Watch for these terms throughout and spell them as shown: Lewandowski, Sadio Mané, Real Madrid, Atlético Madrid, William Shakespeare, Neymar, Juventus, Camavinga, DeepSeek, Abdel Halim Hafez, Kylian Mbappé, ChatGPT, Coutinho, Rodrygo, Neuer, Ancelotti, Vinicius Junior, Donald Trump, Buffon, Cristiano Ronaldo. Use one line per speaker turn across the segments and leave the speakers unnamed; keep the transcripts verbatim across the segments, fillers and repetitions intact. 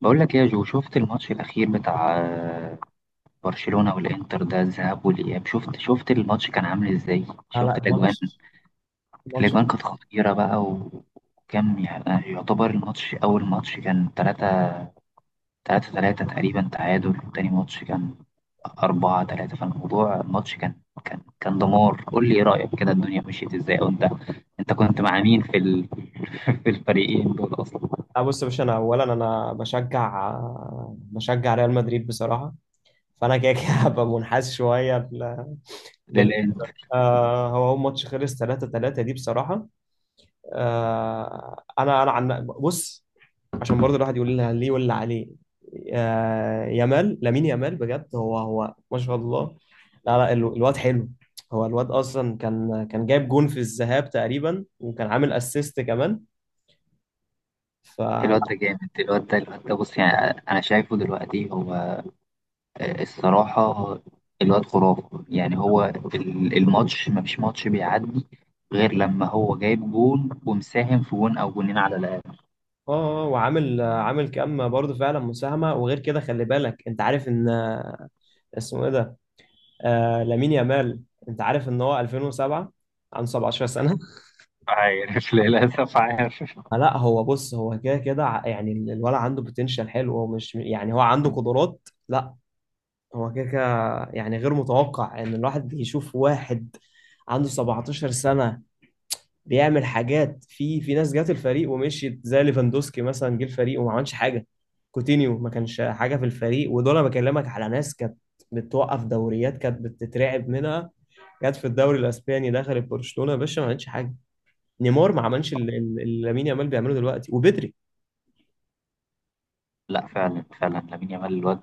بقول لك إيه يا جو؟ شفت الماتش الأخير بتاع آه، برشلونة والإنتر ده، الذهاب والإياب؟ شفت شفت الماتش كان عامل إزاي؟
لا لا
شفت الأجوان؟
الماتش الماتش
الأجوان كانت خطيرة بقى، و- وكم يعني يعتبر. الماتش أول ماتش كان تلاتة تلاتة تلاتة تقريبا تعادل، وتاني ماتش كان أربعة تلاتة، فالموضوع الماتش كان كان كان دمار. قول لي إيه رأيك كده، الدنيا مشيت إزاي؟ وأنت أنت أنت كنت مع مين في ال... في الفريقين دول أصلا؟
آه بص يا باشا، انا اولا انا بشجع آه، بشجع ريال مدريد بصراحه. فانا كده كده هبقى منحاز شويه ل- لل...
للإنتر.
آه هو هو ماتش خلص ثلاثة ثلاثة دي بصراحه. آه انا انا عن بص، عشان برضه الواحد يقول لها ليه ولا عليه. آه يامال لامين يامال بجد، هو هو ما شاء الله. لا لا ال- الواد حلو. هو الواد اصلا كان كان جايب جون في الذهاب تقريبا، وكان عامل اسيست كمان.
الواد ده جامد. الواد ده الواد ده بص يعني، انا شايفه دلوقتي هو آه، الصراحه الواد خرافه. يعني هو ال- الماتش، ما فيش ماتش بيعدي غير لما هو جايب جون ومساهم في جون او جونين على الاقل.
اه آه، وعامل آه، عامل كام برضه فعلا مساهمه. وغير كده خلي بالك، انت عارف ان آه، اسمه ايه ده، آه لامين يامال، انت عارف ان هو ألفين وسبعة، عنده سبعة عشر سنه.
عارف، للأسف عارف.
فلا هو بص، هو كده كده ع- يعني الولد عنده بوتنشال حلو، هو مش يعني هو عنده قدرات. لا هو كده كده، يعني غير متوقع ان الواحد يشوف واحد عنده سبعتاشر سنه بيعمل حاجات. في في ناس جات الفريق ومشيت، زي ليفاندوسكي مثلا، جه الفريق وما عملش حاجه. كوتينيو ما كانش حاجه في الفريق، ودول انا بكلمك على ناس كانت بتوقف دوريات، كانت بتترعب منها. جت في الدوري الاسباني، دخلت برشلونه يا باشا، ما عملتش حاجه. نيمار ما عملش اللي اللي- اللي لامين يامال بيعمله دلوقتي، وبدري.
لا، فعلا فعلا لامين يامال الواد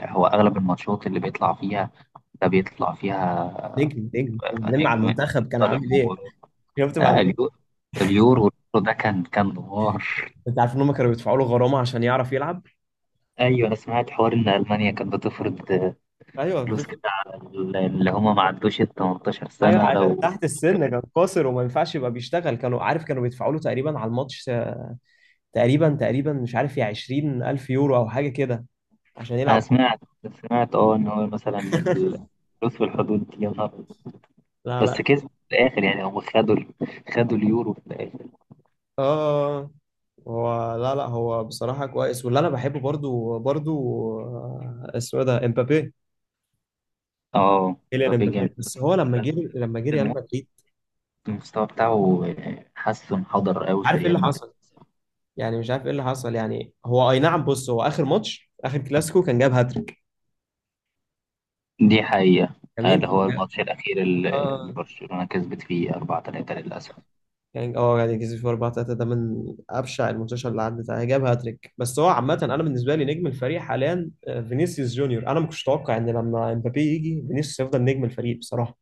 آه، هو اغلب الماتشات اللي بيطلع فيها ده بيطلع فيها
نجم نجم.
آه،
وبعدين مع
نجم،
المنتخب كان
طالب
عامل ايه؟
المباراه.
شفت مع
آه،
الم-
اليورو اليورو ده كان كان دمار.
انت عارف ان هم كانوا بيدفعوا له غرامه عشان يعرف يلعب؟
ايوه، انا سمعت حوار ان المانيا كانت بتفرض
ايوه
فلوس كده
بتفرق.
على اللي هم ما عدوش ال تمنتاشر
ايوه
سنه.
عشان
لو
تحت السن كان قاصر، وما ينفعش يبقى بيشتغل. كانوا، عارف، كانوا بيدفعوا له تقريبا على الماتش، تقريبا تقريبا مش عارف، يا عشرين ألف يورو أو حاجة كده، عشان
انا
يلعب.
سمعت سمعت اه ان هو مثلا الفلوس في الحدود دي، يا نهار أبيض.
لا
بس
لا.
كسبوا في الاخر، يعني هم خدوا ال- خدوا اليورو في الاخر.
اه هو لا لا هو بصراحة كويس، واللي انا بحبه برضو برضو آه، اسمه إيه ده، امبابي.
اه،
كيليان
مبابي جامد
امبابي، بس
بس
هو لما
بس
جه لما جه ريال
الم-
مدريد
المستوى بتاعه حاسه انحدر
مش
قوي في
عارف ايه اللي
ريال مدريد.
حصل. يعني مش عارف ايه اللي حصل. يعني هو اي نعم بص، هو اخر ماتش اخر كلاسيكو كان جاب هاتريك
دي حقيقه. آه،
جميل.
ده
هو
هو
جاب
الماتش الاخير اللي
اه
برشلونه كسبت فيه أربعة تلاتة للاسف.
كان، اه يعني كسب في اربعة تلاتة، ده من ابشع الماتشات اللي عدت عليها. جاب هاتريك، بس هو عامه انا بالنسبه لي نجم الفريق حاليا آه، فينيسيوس جونيور. انا ما كنتش اتوقع ان لما امبابي يجي، فينيسيوس يفضل نجم الفريق بصراحه.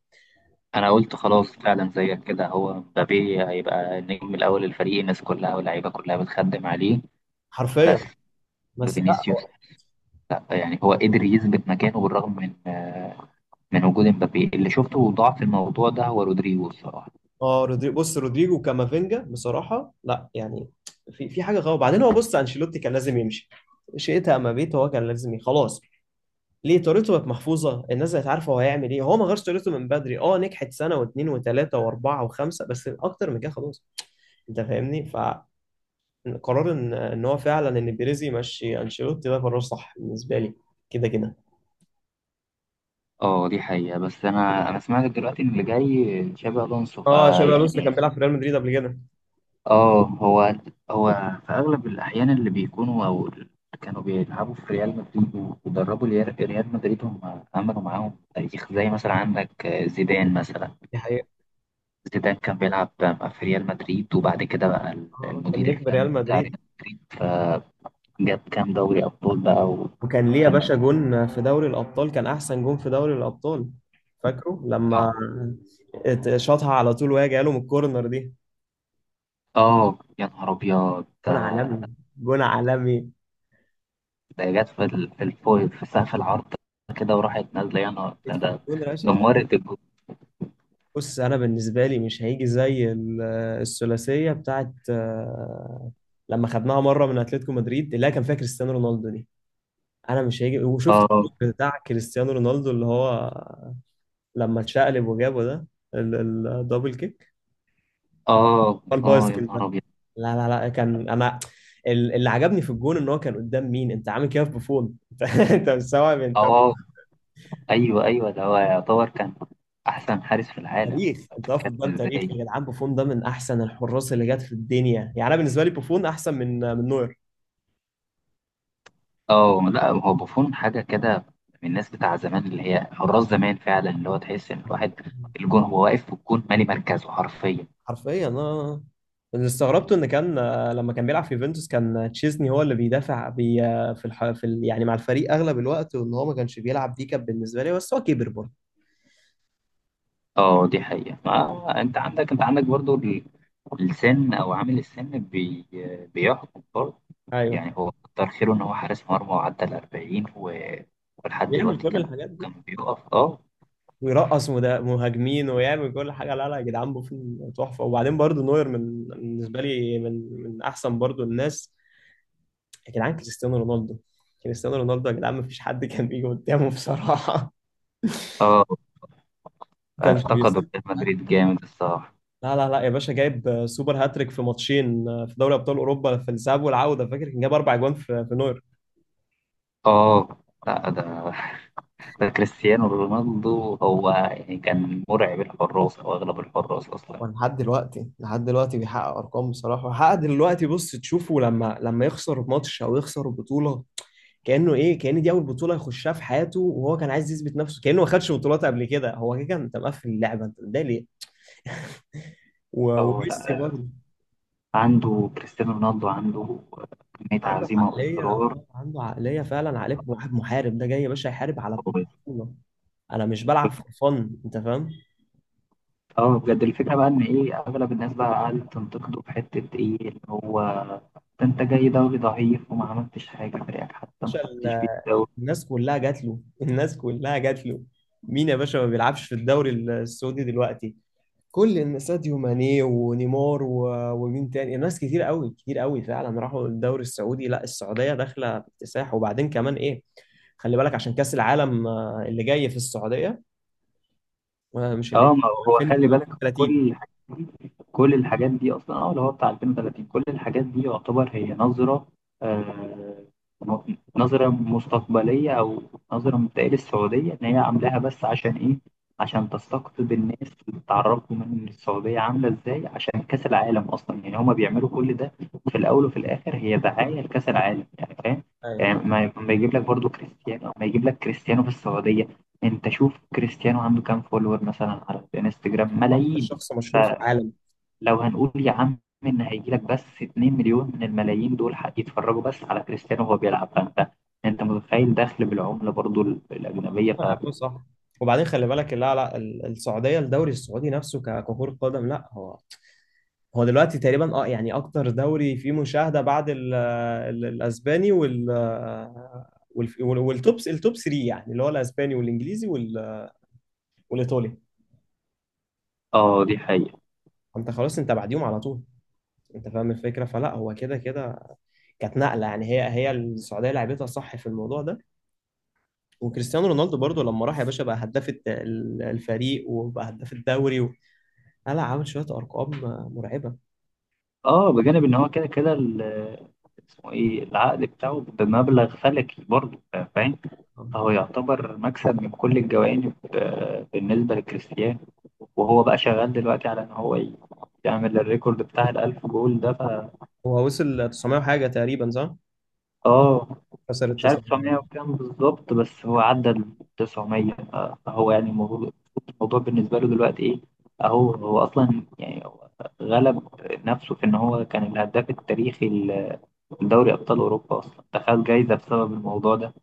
انا قلت خلاص، فعلا زيك كده، هو مبابي هيبقى النجم الاول للفريق، الناس كلها واللعيبه كلها بتخدم عليه. بس
حرفيا. بس لا
فينيسيوس،
هو-
لا يعني هو قدر يثبت مكانه بالرغم من آه، من وجود مبابي. اللي شفته ضعف الموضوع ده هو رودريجو الصراحه.
اه رودري، بص رودريجو كامافينجا بصراحه، لا يعني في في حاجه غلط. بعدين هو بص، انشيلوتي كان لازم يمشي. شئت ام ابيت، هو كان لازم يمشي خلاص. ليه؟ طريقته بقت محفوظه، الناس بقت عارفه هو هيعمل ايه. هو ما غيرش طريقته من بدري، اه نجحت سنه واثنين وثلاثه واربعه وخمسه، بس اكتر من كده خلاص. انت فاهمني. فقرار ان ان هو فعلا ان بيريز يمشي انشيلوتي ده قرار صح بالنسبه لي. كده كده.
اه دي حقيقه، بس انا انا سمعت دلوقتي ان اللي جاي تشابي الونسو
اه شابي الونسو اللي
فيعني.
كان بيلعب في ريال مدريد قبل كده.
اه هو هو في اغلب الاحيان اللي بيكونوا او اللي كانوا بيلعبوا في ريال مدريد ودربوا ريال ريال مدريد، هم عملوا معاهم تاريخ. زي مثلا عندك زيدان، مثلا
دي حقيقة.
زيدان كان بيلعب في ريال مدريد وبعد كده بقى
آه، كان
المدير
نجم
الفني
ريال
بتاع
مدريد.
ريال مدريد، فجاب كام دوري ابطال بقى.
وكان ليه يا
وكان
باشا جون في دوري الابطال، كان احسن جون في دوري الابطال. فاكره لما
اه
ات- شاطها على طول وهي جايه له من الكورنر دي،
آه، يا نهار ابيض ده
جون عالمي. جون عالمي.
ده جت في ال- في الفوق، في سقف العرض كده وراحت نازله، يا نهار ده
اتفل-
ده
جون راشق.
دمرت
بص انا بالنسبه لي مش هيجي زي ال- الثلاثيه بتاعت آه، لما خدناها مره من اتلتيكو مدريد، اللي هي كان فيها كريستيانو رونالدو دي. انا مش هيجي، وشفت
الجو.
الجول بتاع كريستيانو رونالدو اللي هو لما اتشقلب وجابه ده، ال- الدبل كيك،
اه،
هو
اه، يا
البايسكل
نهار
ده.
ابيض.
لا لا لا كان انا ال- اللي عجبني في الجون ان هو كان قدام مين، انت عامل كده في بوفون؟ انت انت مستوعب؟ انت
اه، ايوه ايوه، ده هو يعتبر كان احسن حارس في العالم.
تاريخ، انت واقف
بتتكلم
قدام تاريخ
ازاي؟
يا جدعان. بوفون ده من احسن الحراس اللي جت في الدنيا يعني، انا بالنسبه لي بوفون احسن من من نوير.
اه لا، هو بوفون حاجه كده، من الناس بتاع زمان اللي هي حراس زمان فعلا، اللي هو تحس ان الواحد الجون هو واقف في الجون مالي مركزه حرفيا.
حرفيا. اه اللي استغربته ان كان آه، لما كان بيلعب في يوفنتوس كان تشيزني هو اللي بيدافع بي آه، في الح... في ال... يعني مع الفريق اغلب الوقت، وان هو ما كانش بيلعب، دي كانت بالنسبه لي. بس هو كبر برضه.
اه دي حقيقه، ما انت عندك انت عندك برضو ال- السن، او عامل السن بي بيحكم برضو. يعني
ايوه.
هو كتر خيره ان هو حارس مرمى وعدى ال الأربعين، و- ولحد
بيعمل
دلوقتي
كل
كان
الحاجات دي،
كان بيقف. اه،
ويرقص مدا- مهاجمين، ويعمل كل حاجه. لا لا يا جدعان، بوفون تحفه، وبعدين برضو نوير من بالنسبه لي من من احسن برضو الناس. يا جدعان كريستيانو رونالدو. كريستيانو رونالدو يا جدعان، ما فيش حد كان بيجي قدامه بصراحه.
اه
ما كانش
افتقدوا
بيسامح.
ريال مدريد جامد الصراحة.
لا لا لا يا باشا، جايب سوبر هاتريك في ماتشين في دوري ابطال اوروبا، في الذهاب والعوده. فاكر كان جايب اربع اجوان في في نوير.
اه لا، ده ده كريستيانو رونالدو هو يعني كان مرعب الحراس او اغلب الحراس اصلا.
ولحد دلوقتي لحد دلوقتي بيحقق ارقام بصراحه. حقق دلوقتي. بص تشوفه لما لما يخسر ماتش او يخسر بطوله، كانه ايه، كان دي اول بطوله يخشها في حياته، وهو كان عايز يثبت نفسه كانه ما خدش بطولات قبل كده. هو كده، كان انت مقفل اللعبه انت، ده ليه؟ و-
اه
وميسي
لا،
برضه،
عنده كريستيانو رونالدو، عنده كمية
عنده
عزيمة
عقليه
واصرار
آه، عنده عقليه فعلا، عقليه واحد محارب. ده جاي يا باشا يحارب على
قوية.
بطوله. انا مش بلعب في فن، انت فاهم؟
اه بجد، الفكرة بقى ان ايه، اغلب الناس بقى قعدت تنتقده في حتة ايه، اللي هو ده انت جاي دوري ضعيف وما عملتش حاجة، فريقك حتى ما
باشا
خدتش بيه الدوري.
الناس كلها جات له. الناس كلها جات له. مين يا باشا ما بيلعبش في الدوري السعودي دلوقتي؟ كل الناس، ساديو ماني ونيمار و- ومين تاني، ناس كتير قوي كتير قوي فعلا راحوا الدوري السعودي. لا السعودية داخلة باكتساح. وبعدين كمان ايه، خلي بالك عشان كأس العالم آه، اللي جاي في السعودية آه، مش اللي
اه ما هو خلي بالك، كل
ألفين وثلاثين.
الحاجات دي كل الحاجات دي اصلا اه اللي هو بتاع ألفين وتلاتين، كل الحاجات دي يعتبر هي نظره آه م- نظره مستقبليه، او نظره مبدئيه للسعوديه، ان هي عاملاها بس عشان ايه؟ عشان تستقطب الناس وتعرفهم ان السعوديه عامله ازاي عشان كاس العالم اصلا. يعني هما بيعملوا كل ده، في الاول وفي الاخر هي دعايه لكاس العالم، يعني فاهم؟ يعني
أيوة.
ما ما يجيب لك برضو كريستيانو، ما يجيب لك كريستيانو في السعوديه. انت شوف كريستيانو عنده كام فولور مثلا على الانستجرام،
اكتر
ملايين.
شخص مشهور في العالم.
فلو هنقول يا عم ان هيجي لك بس 2 مليون من الملايين دول ح- يتفرجوا بس على كريستيانو وهو بيلعب، فانت انت متخيل دخل بالعملة برضو ال- الأجنبية؟
هم
ف.
لعبوه صح. وبعدين خلي بالك، لا لا ال- السعوديه الدوري السعودي نفسه ك- ككره قدم. لا هو هو دلوقتي تقريبا، اه يعني اكتر دوري فيه مشاهده بعد ال ال الاسباني وال وال- وال- والتوب التوب تلاتة، يعني اللي هو الاسباني والانجليزي وال- والايطالي.
اه دي حقيقة.
انت خلاص انت بعديهم على طول. انت فاهم الفكره؟ فلا هو كده كده كانت نقله. يعني هي هي السعوديه لعبتها صح في الموضوع ده. وكريستيانو رونالدو برضو لما راح يا باشا بقى هداف الت- ال- الفريق، وبقى هداف الدوري و... لا عامل شويه ارقام مرعبه.
اه بجانب ان هو كده كده ال- اسمه ايه، العقد بتاعه بمبلغ فلكي برضو، فاهم؟ فهو يعتبر مكسب من كل الجوانب، آه، بالنسبة لكريستيانو. وهو بقى شغال دلوقتي على ان هو ي- يعمل الريكورد بتاع الألف جول ده. ف،
هو وصل تسعمية وحاجه تقريبا صح؟
اه
كسر
مش عارف
التسعة.
تسعمية وكام بالظبط، بس هو عدى ال تسعمائة. ف- فهو يعني الموضوع الموضوع بالنسبة له دلوقتي ايه؟ اهو هو اصلا، يعني هو غلب نفسه في ان هو كان الهداف التاريخي ل- لدوري ابطال اوروبا اصلا، دخل جايزة بسبب الموضوع ده.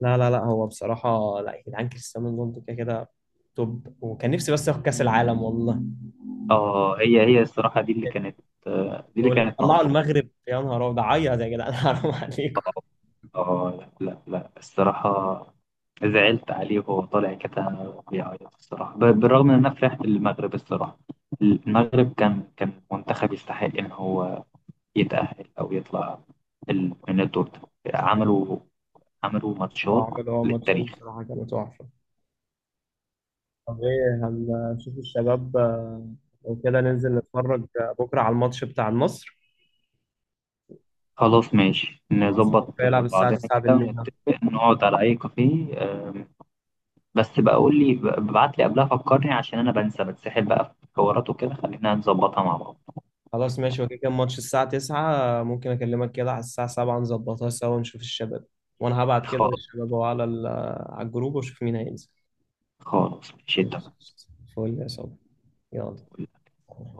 لا لا لا هو بصراحة لا يا جدعان، كريستيانو رونالدو كده كده توب. وكان نفسي بس ياخد كأس العالم والله.
اه، هي هي الصراحة دي اللي كانت آه، دي اللي
يقول لك
كانت
طلعوا
ناقصه.
المغرب، يا نهار أبيض، عيط يا جدعان. حرام عليكم.
اه لا لا لا، الصراحة زعلت عليه وهو طالع كده بيعيط، الصراحة ب- بالرغم إن أنا فرحت للمغرب الصراحة. المغرب كان كان منتخب يستحق إن هو يتأهل أو يطلع ال- من الدور ده. عملوا عملوا
هو
ماتشات
عمل هو ماتشين
للتاريخ.
بصراحة كانوا تحفة. طب ايه، هنشوف الشباب آه، لو كده ننزل نتفرج آه، بكرة على الماتش بتاع مصر،
خلاص ماشي،
الماتش اللي
نظبط
هيلعب الساعة
بعضنا
تسعة
كده
بالليل.
ونتفق نقعد على أي كافيه. آم، بس بقى قول لي، ب- ابعت لي قبلها فكرني عشان أنا بنسى، بتسحل بقى في حوارات وكده، خلينا نظبطها مع بعض.
خلاص ماشي وكده، كان ماتش الساعة تسعة، ممكن أكلمك كده على الساعة السابعة نظبطها سوا نشوف الشباب. وأنا هبعت كده للشباب أهو على ال- على الجروب، وأشوف مين هينزل.
خالص، مش انت
ماشي. فول يا صاحبي.
مسؤول
يلا.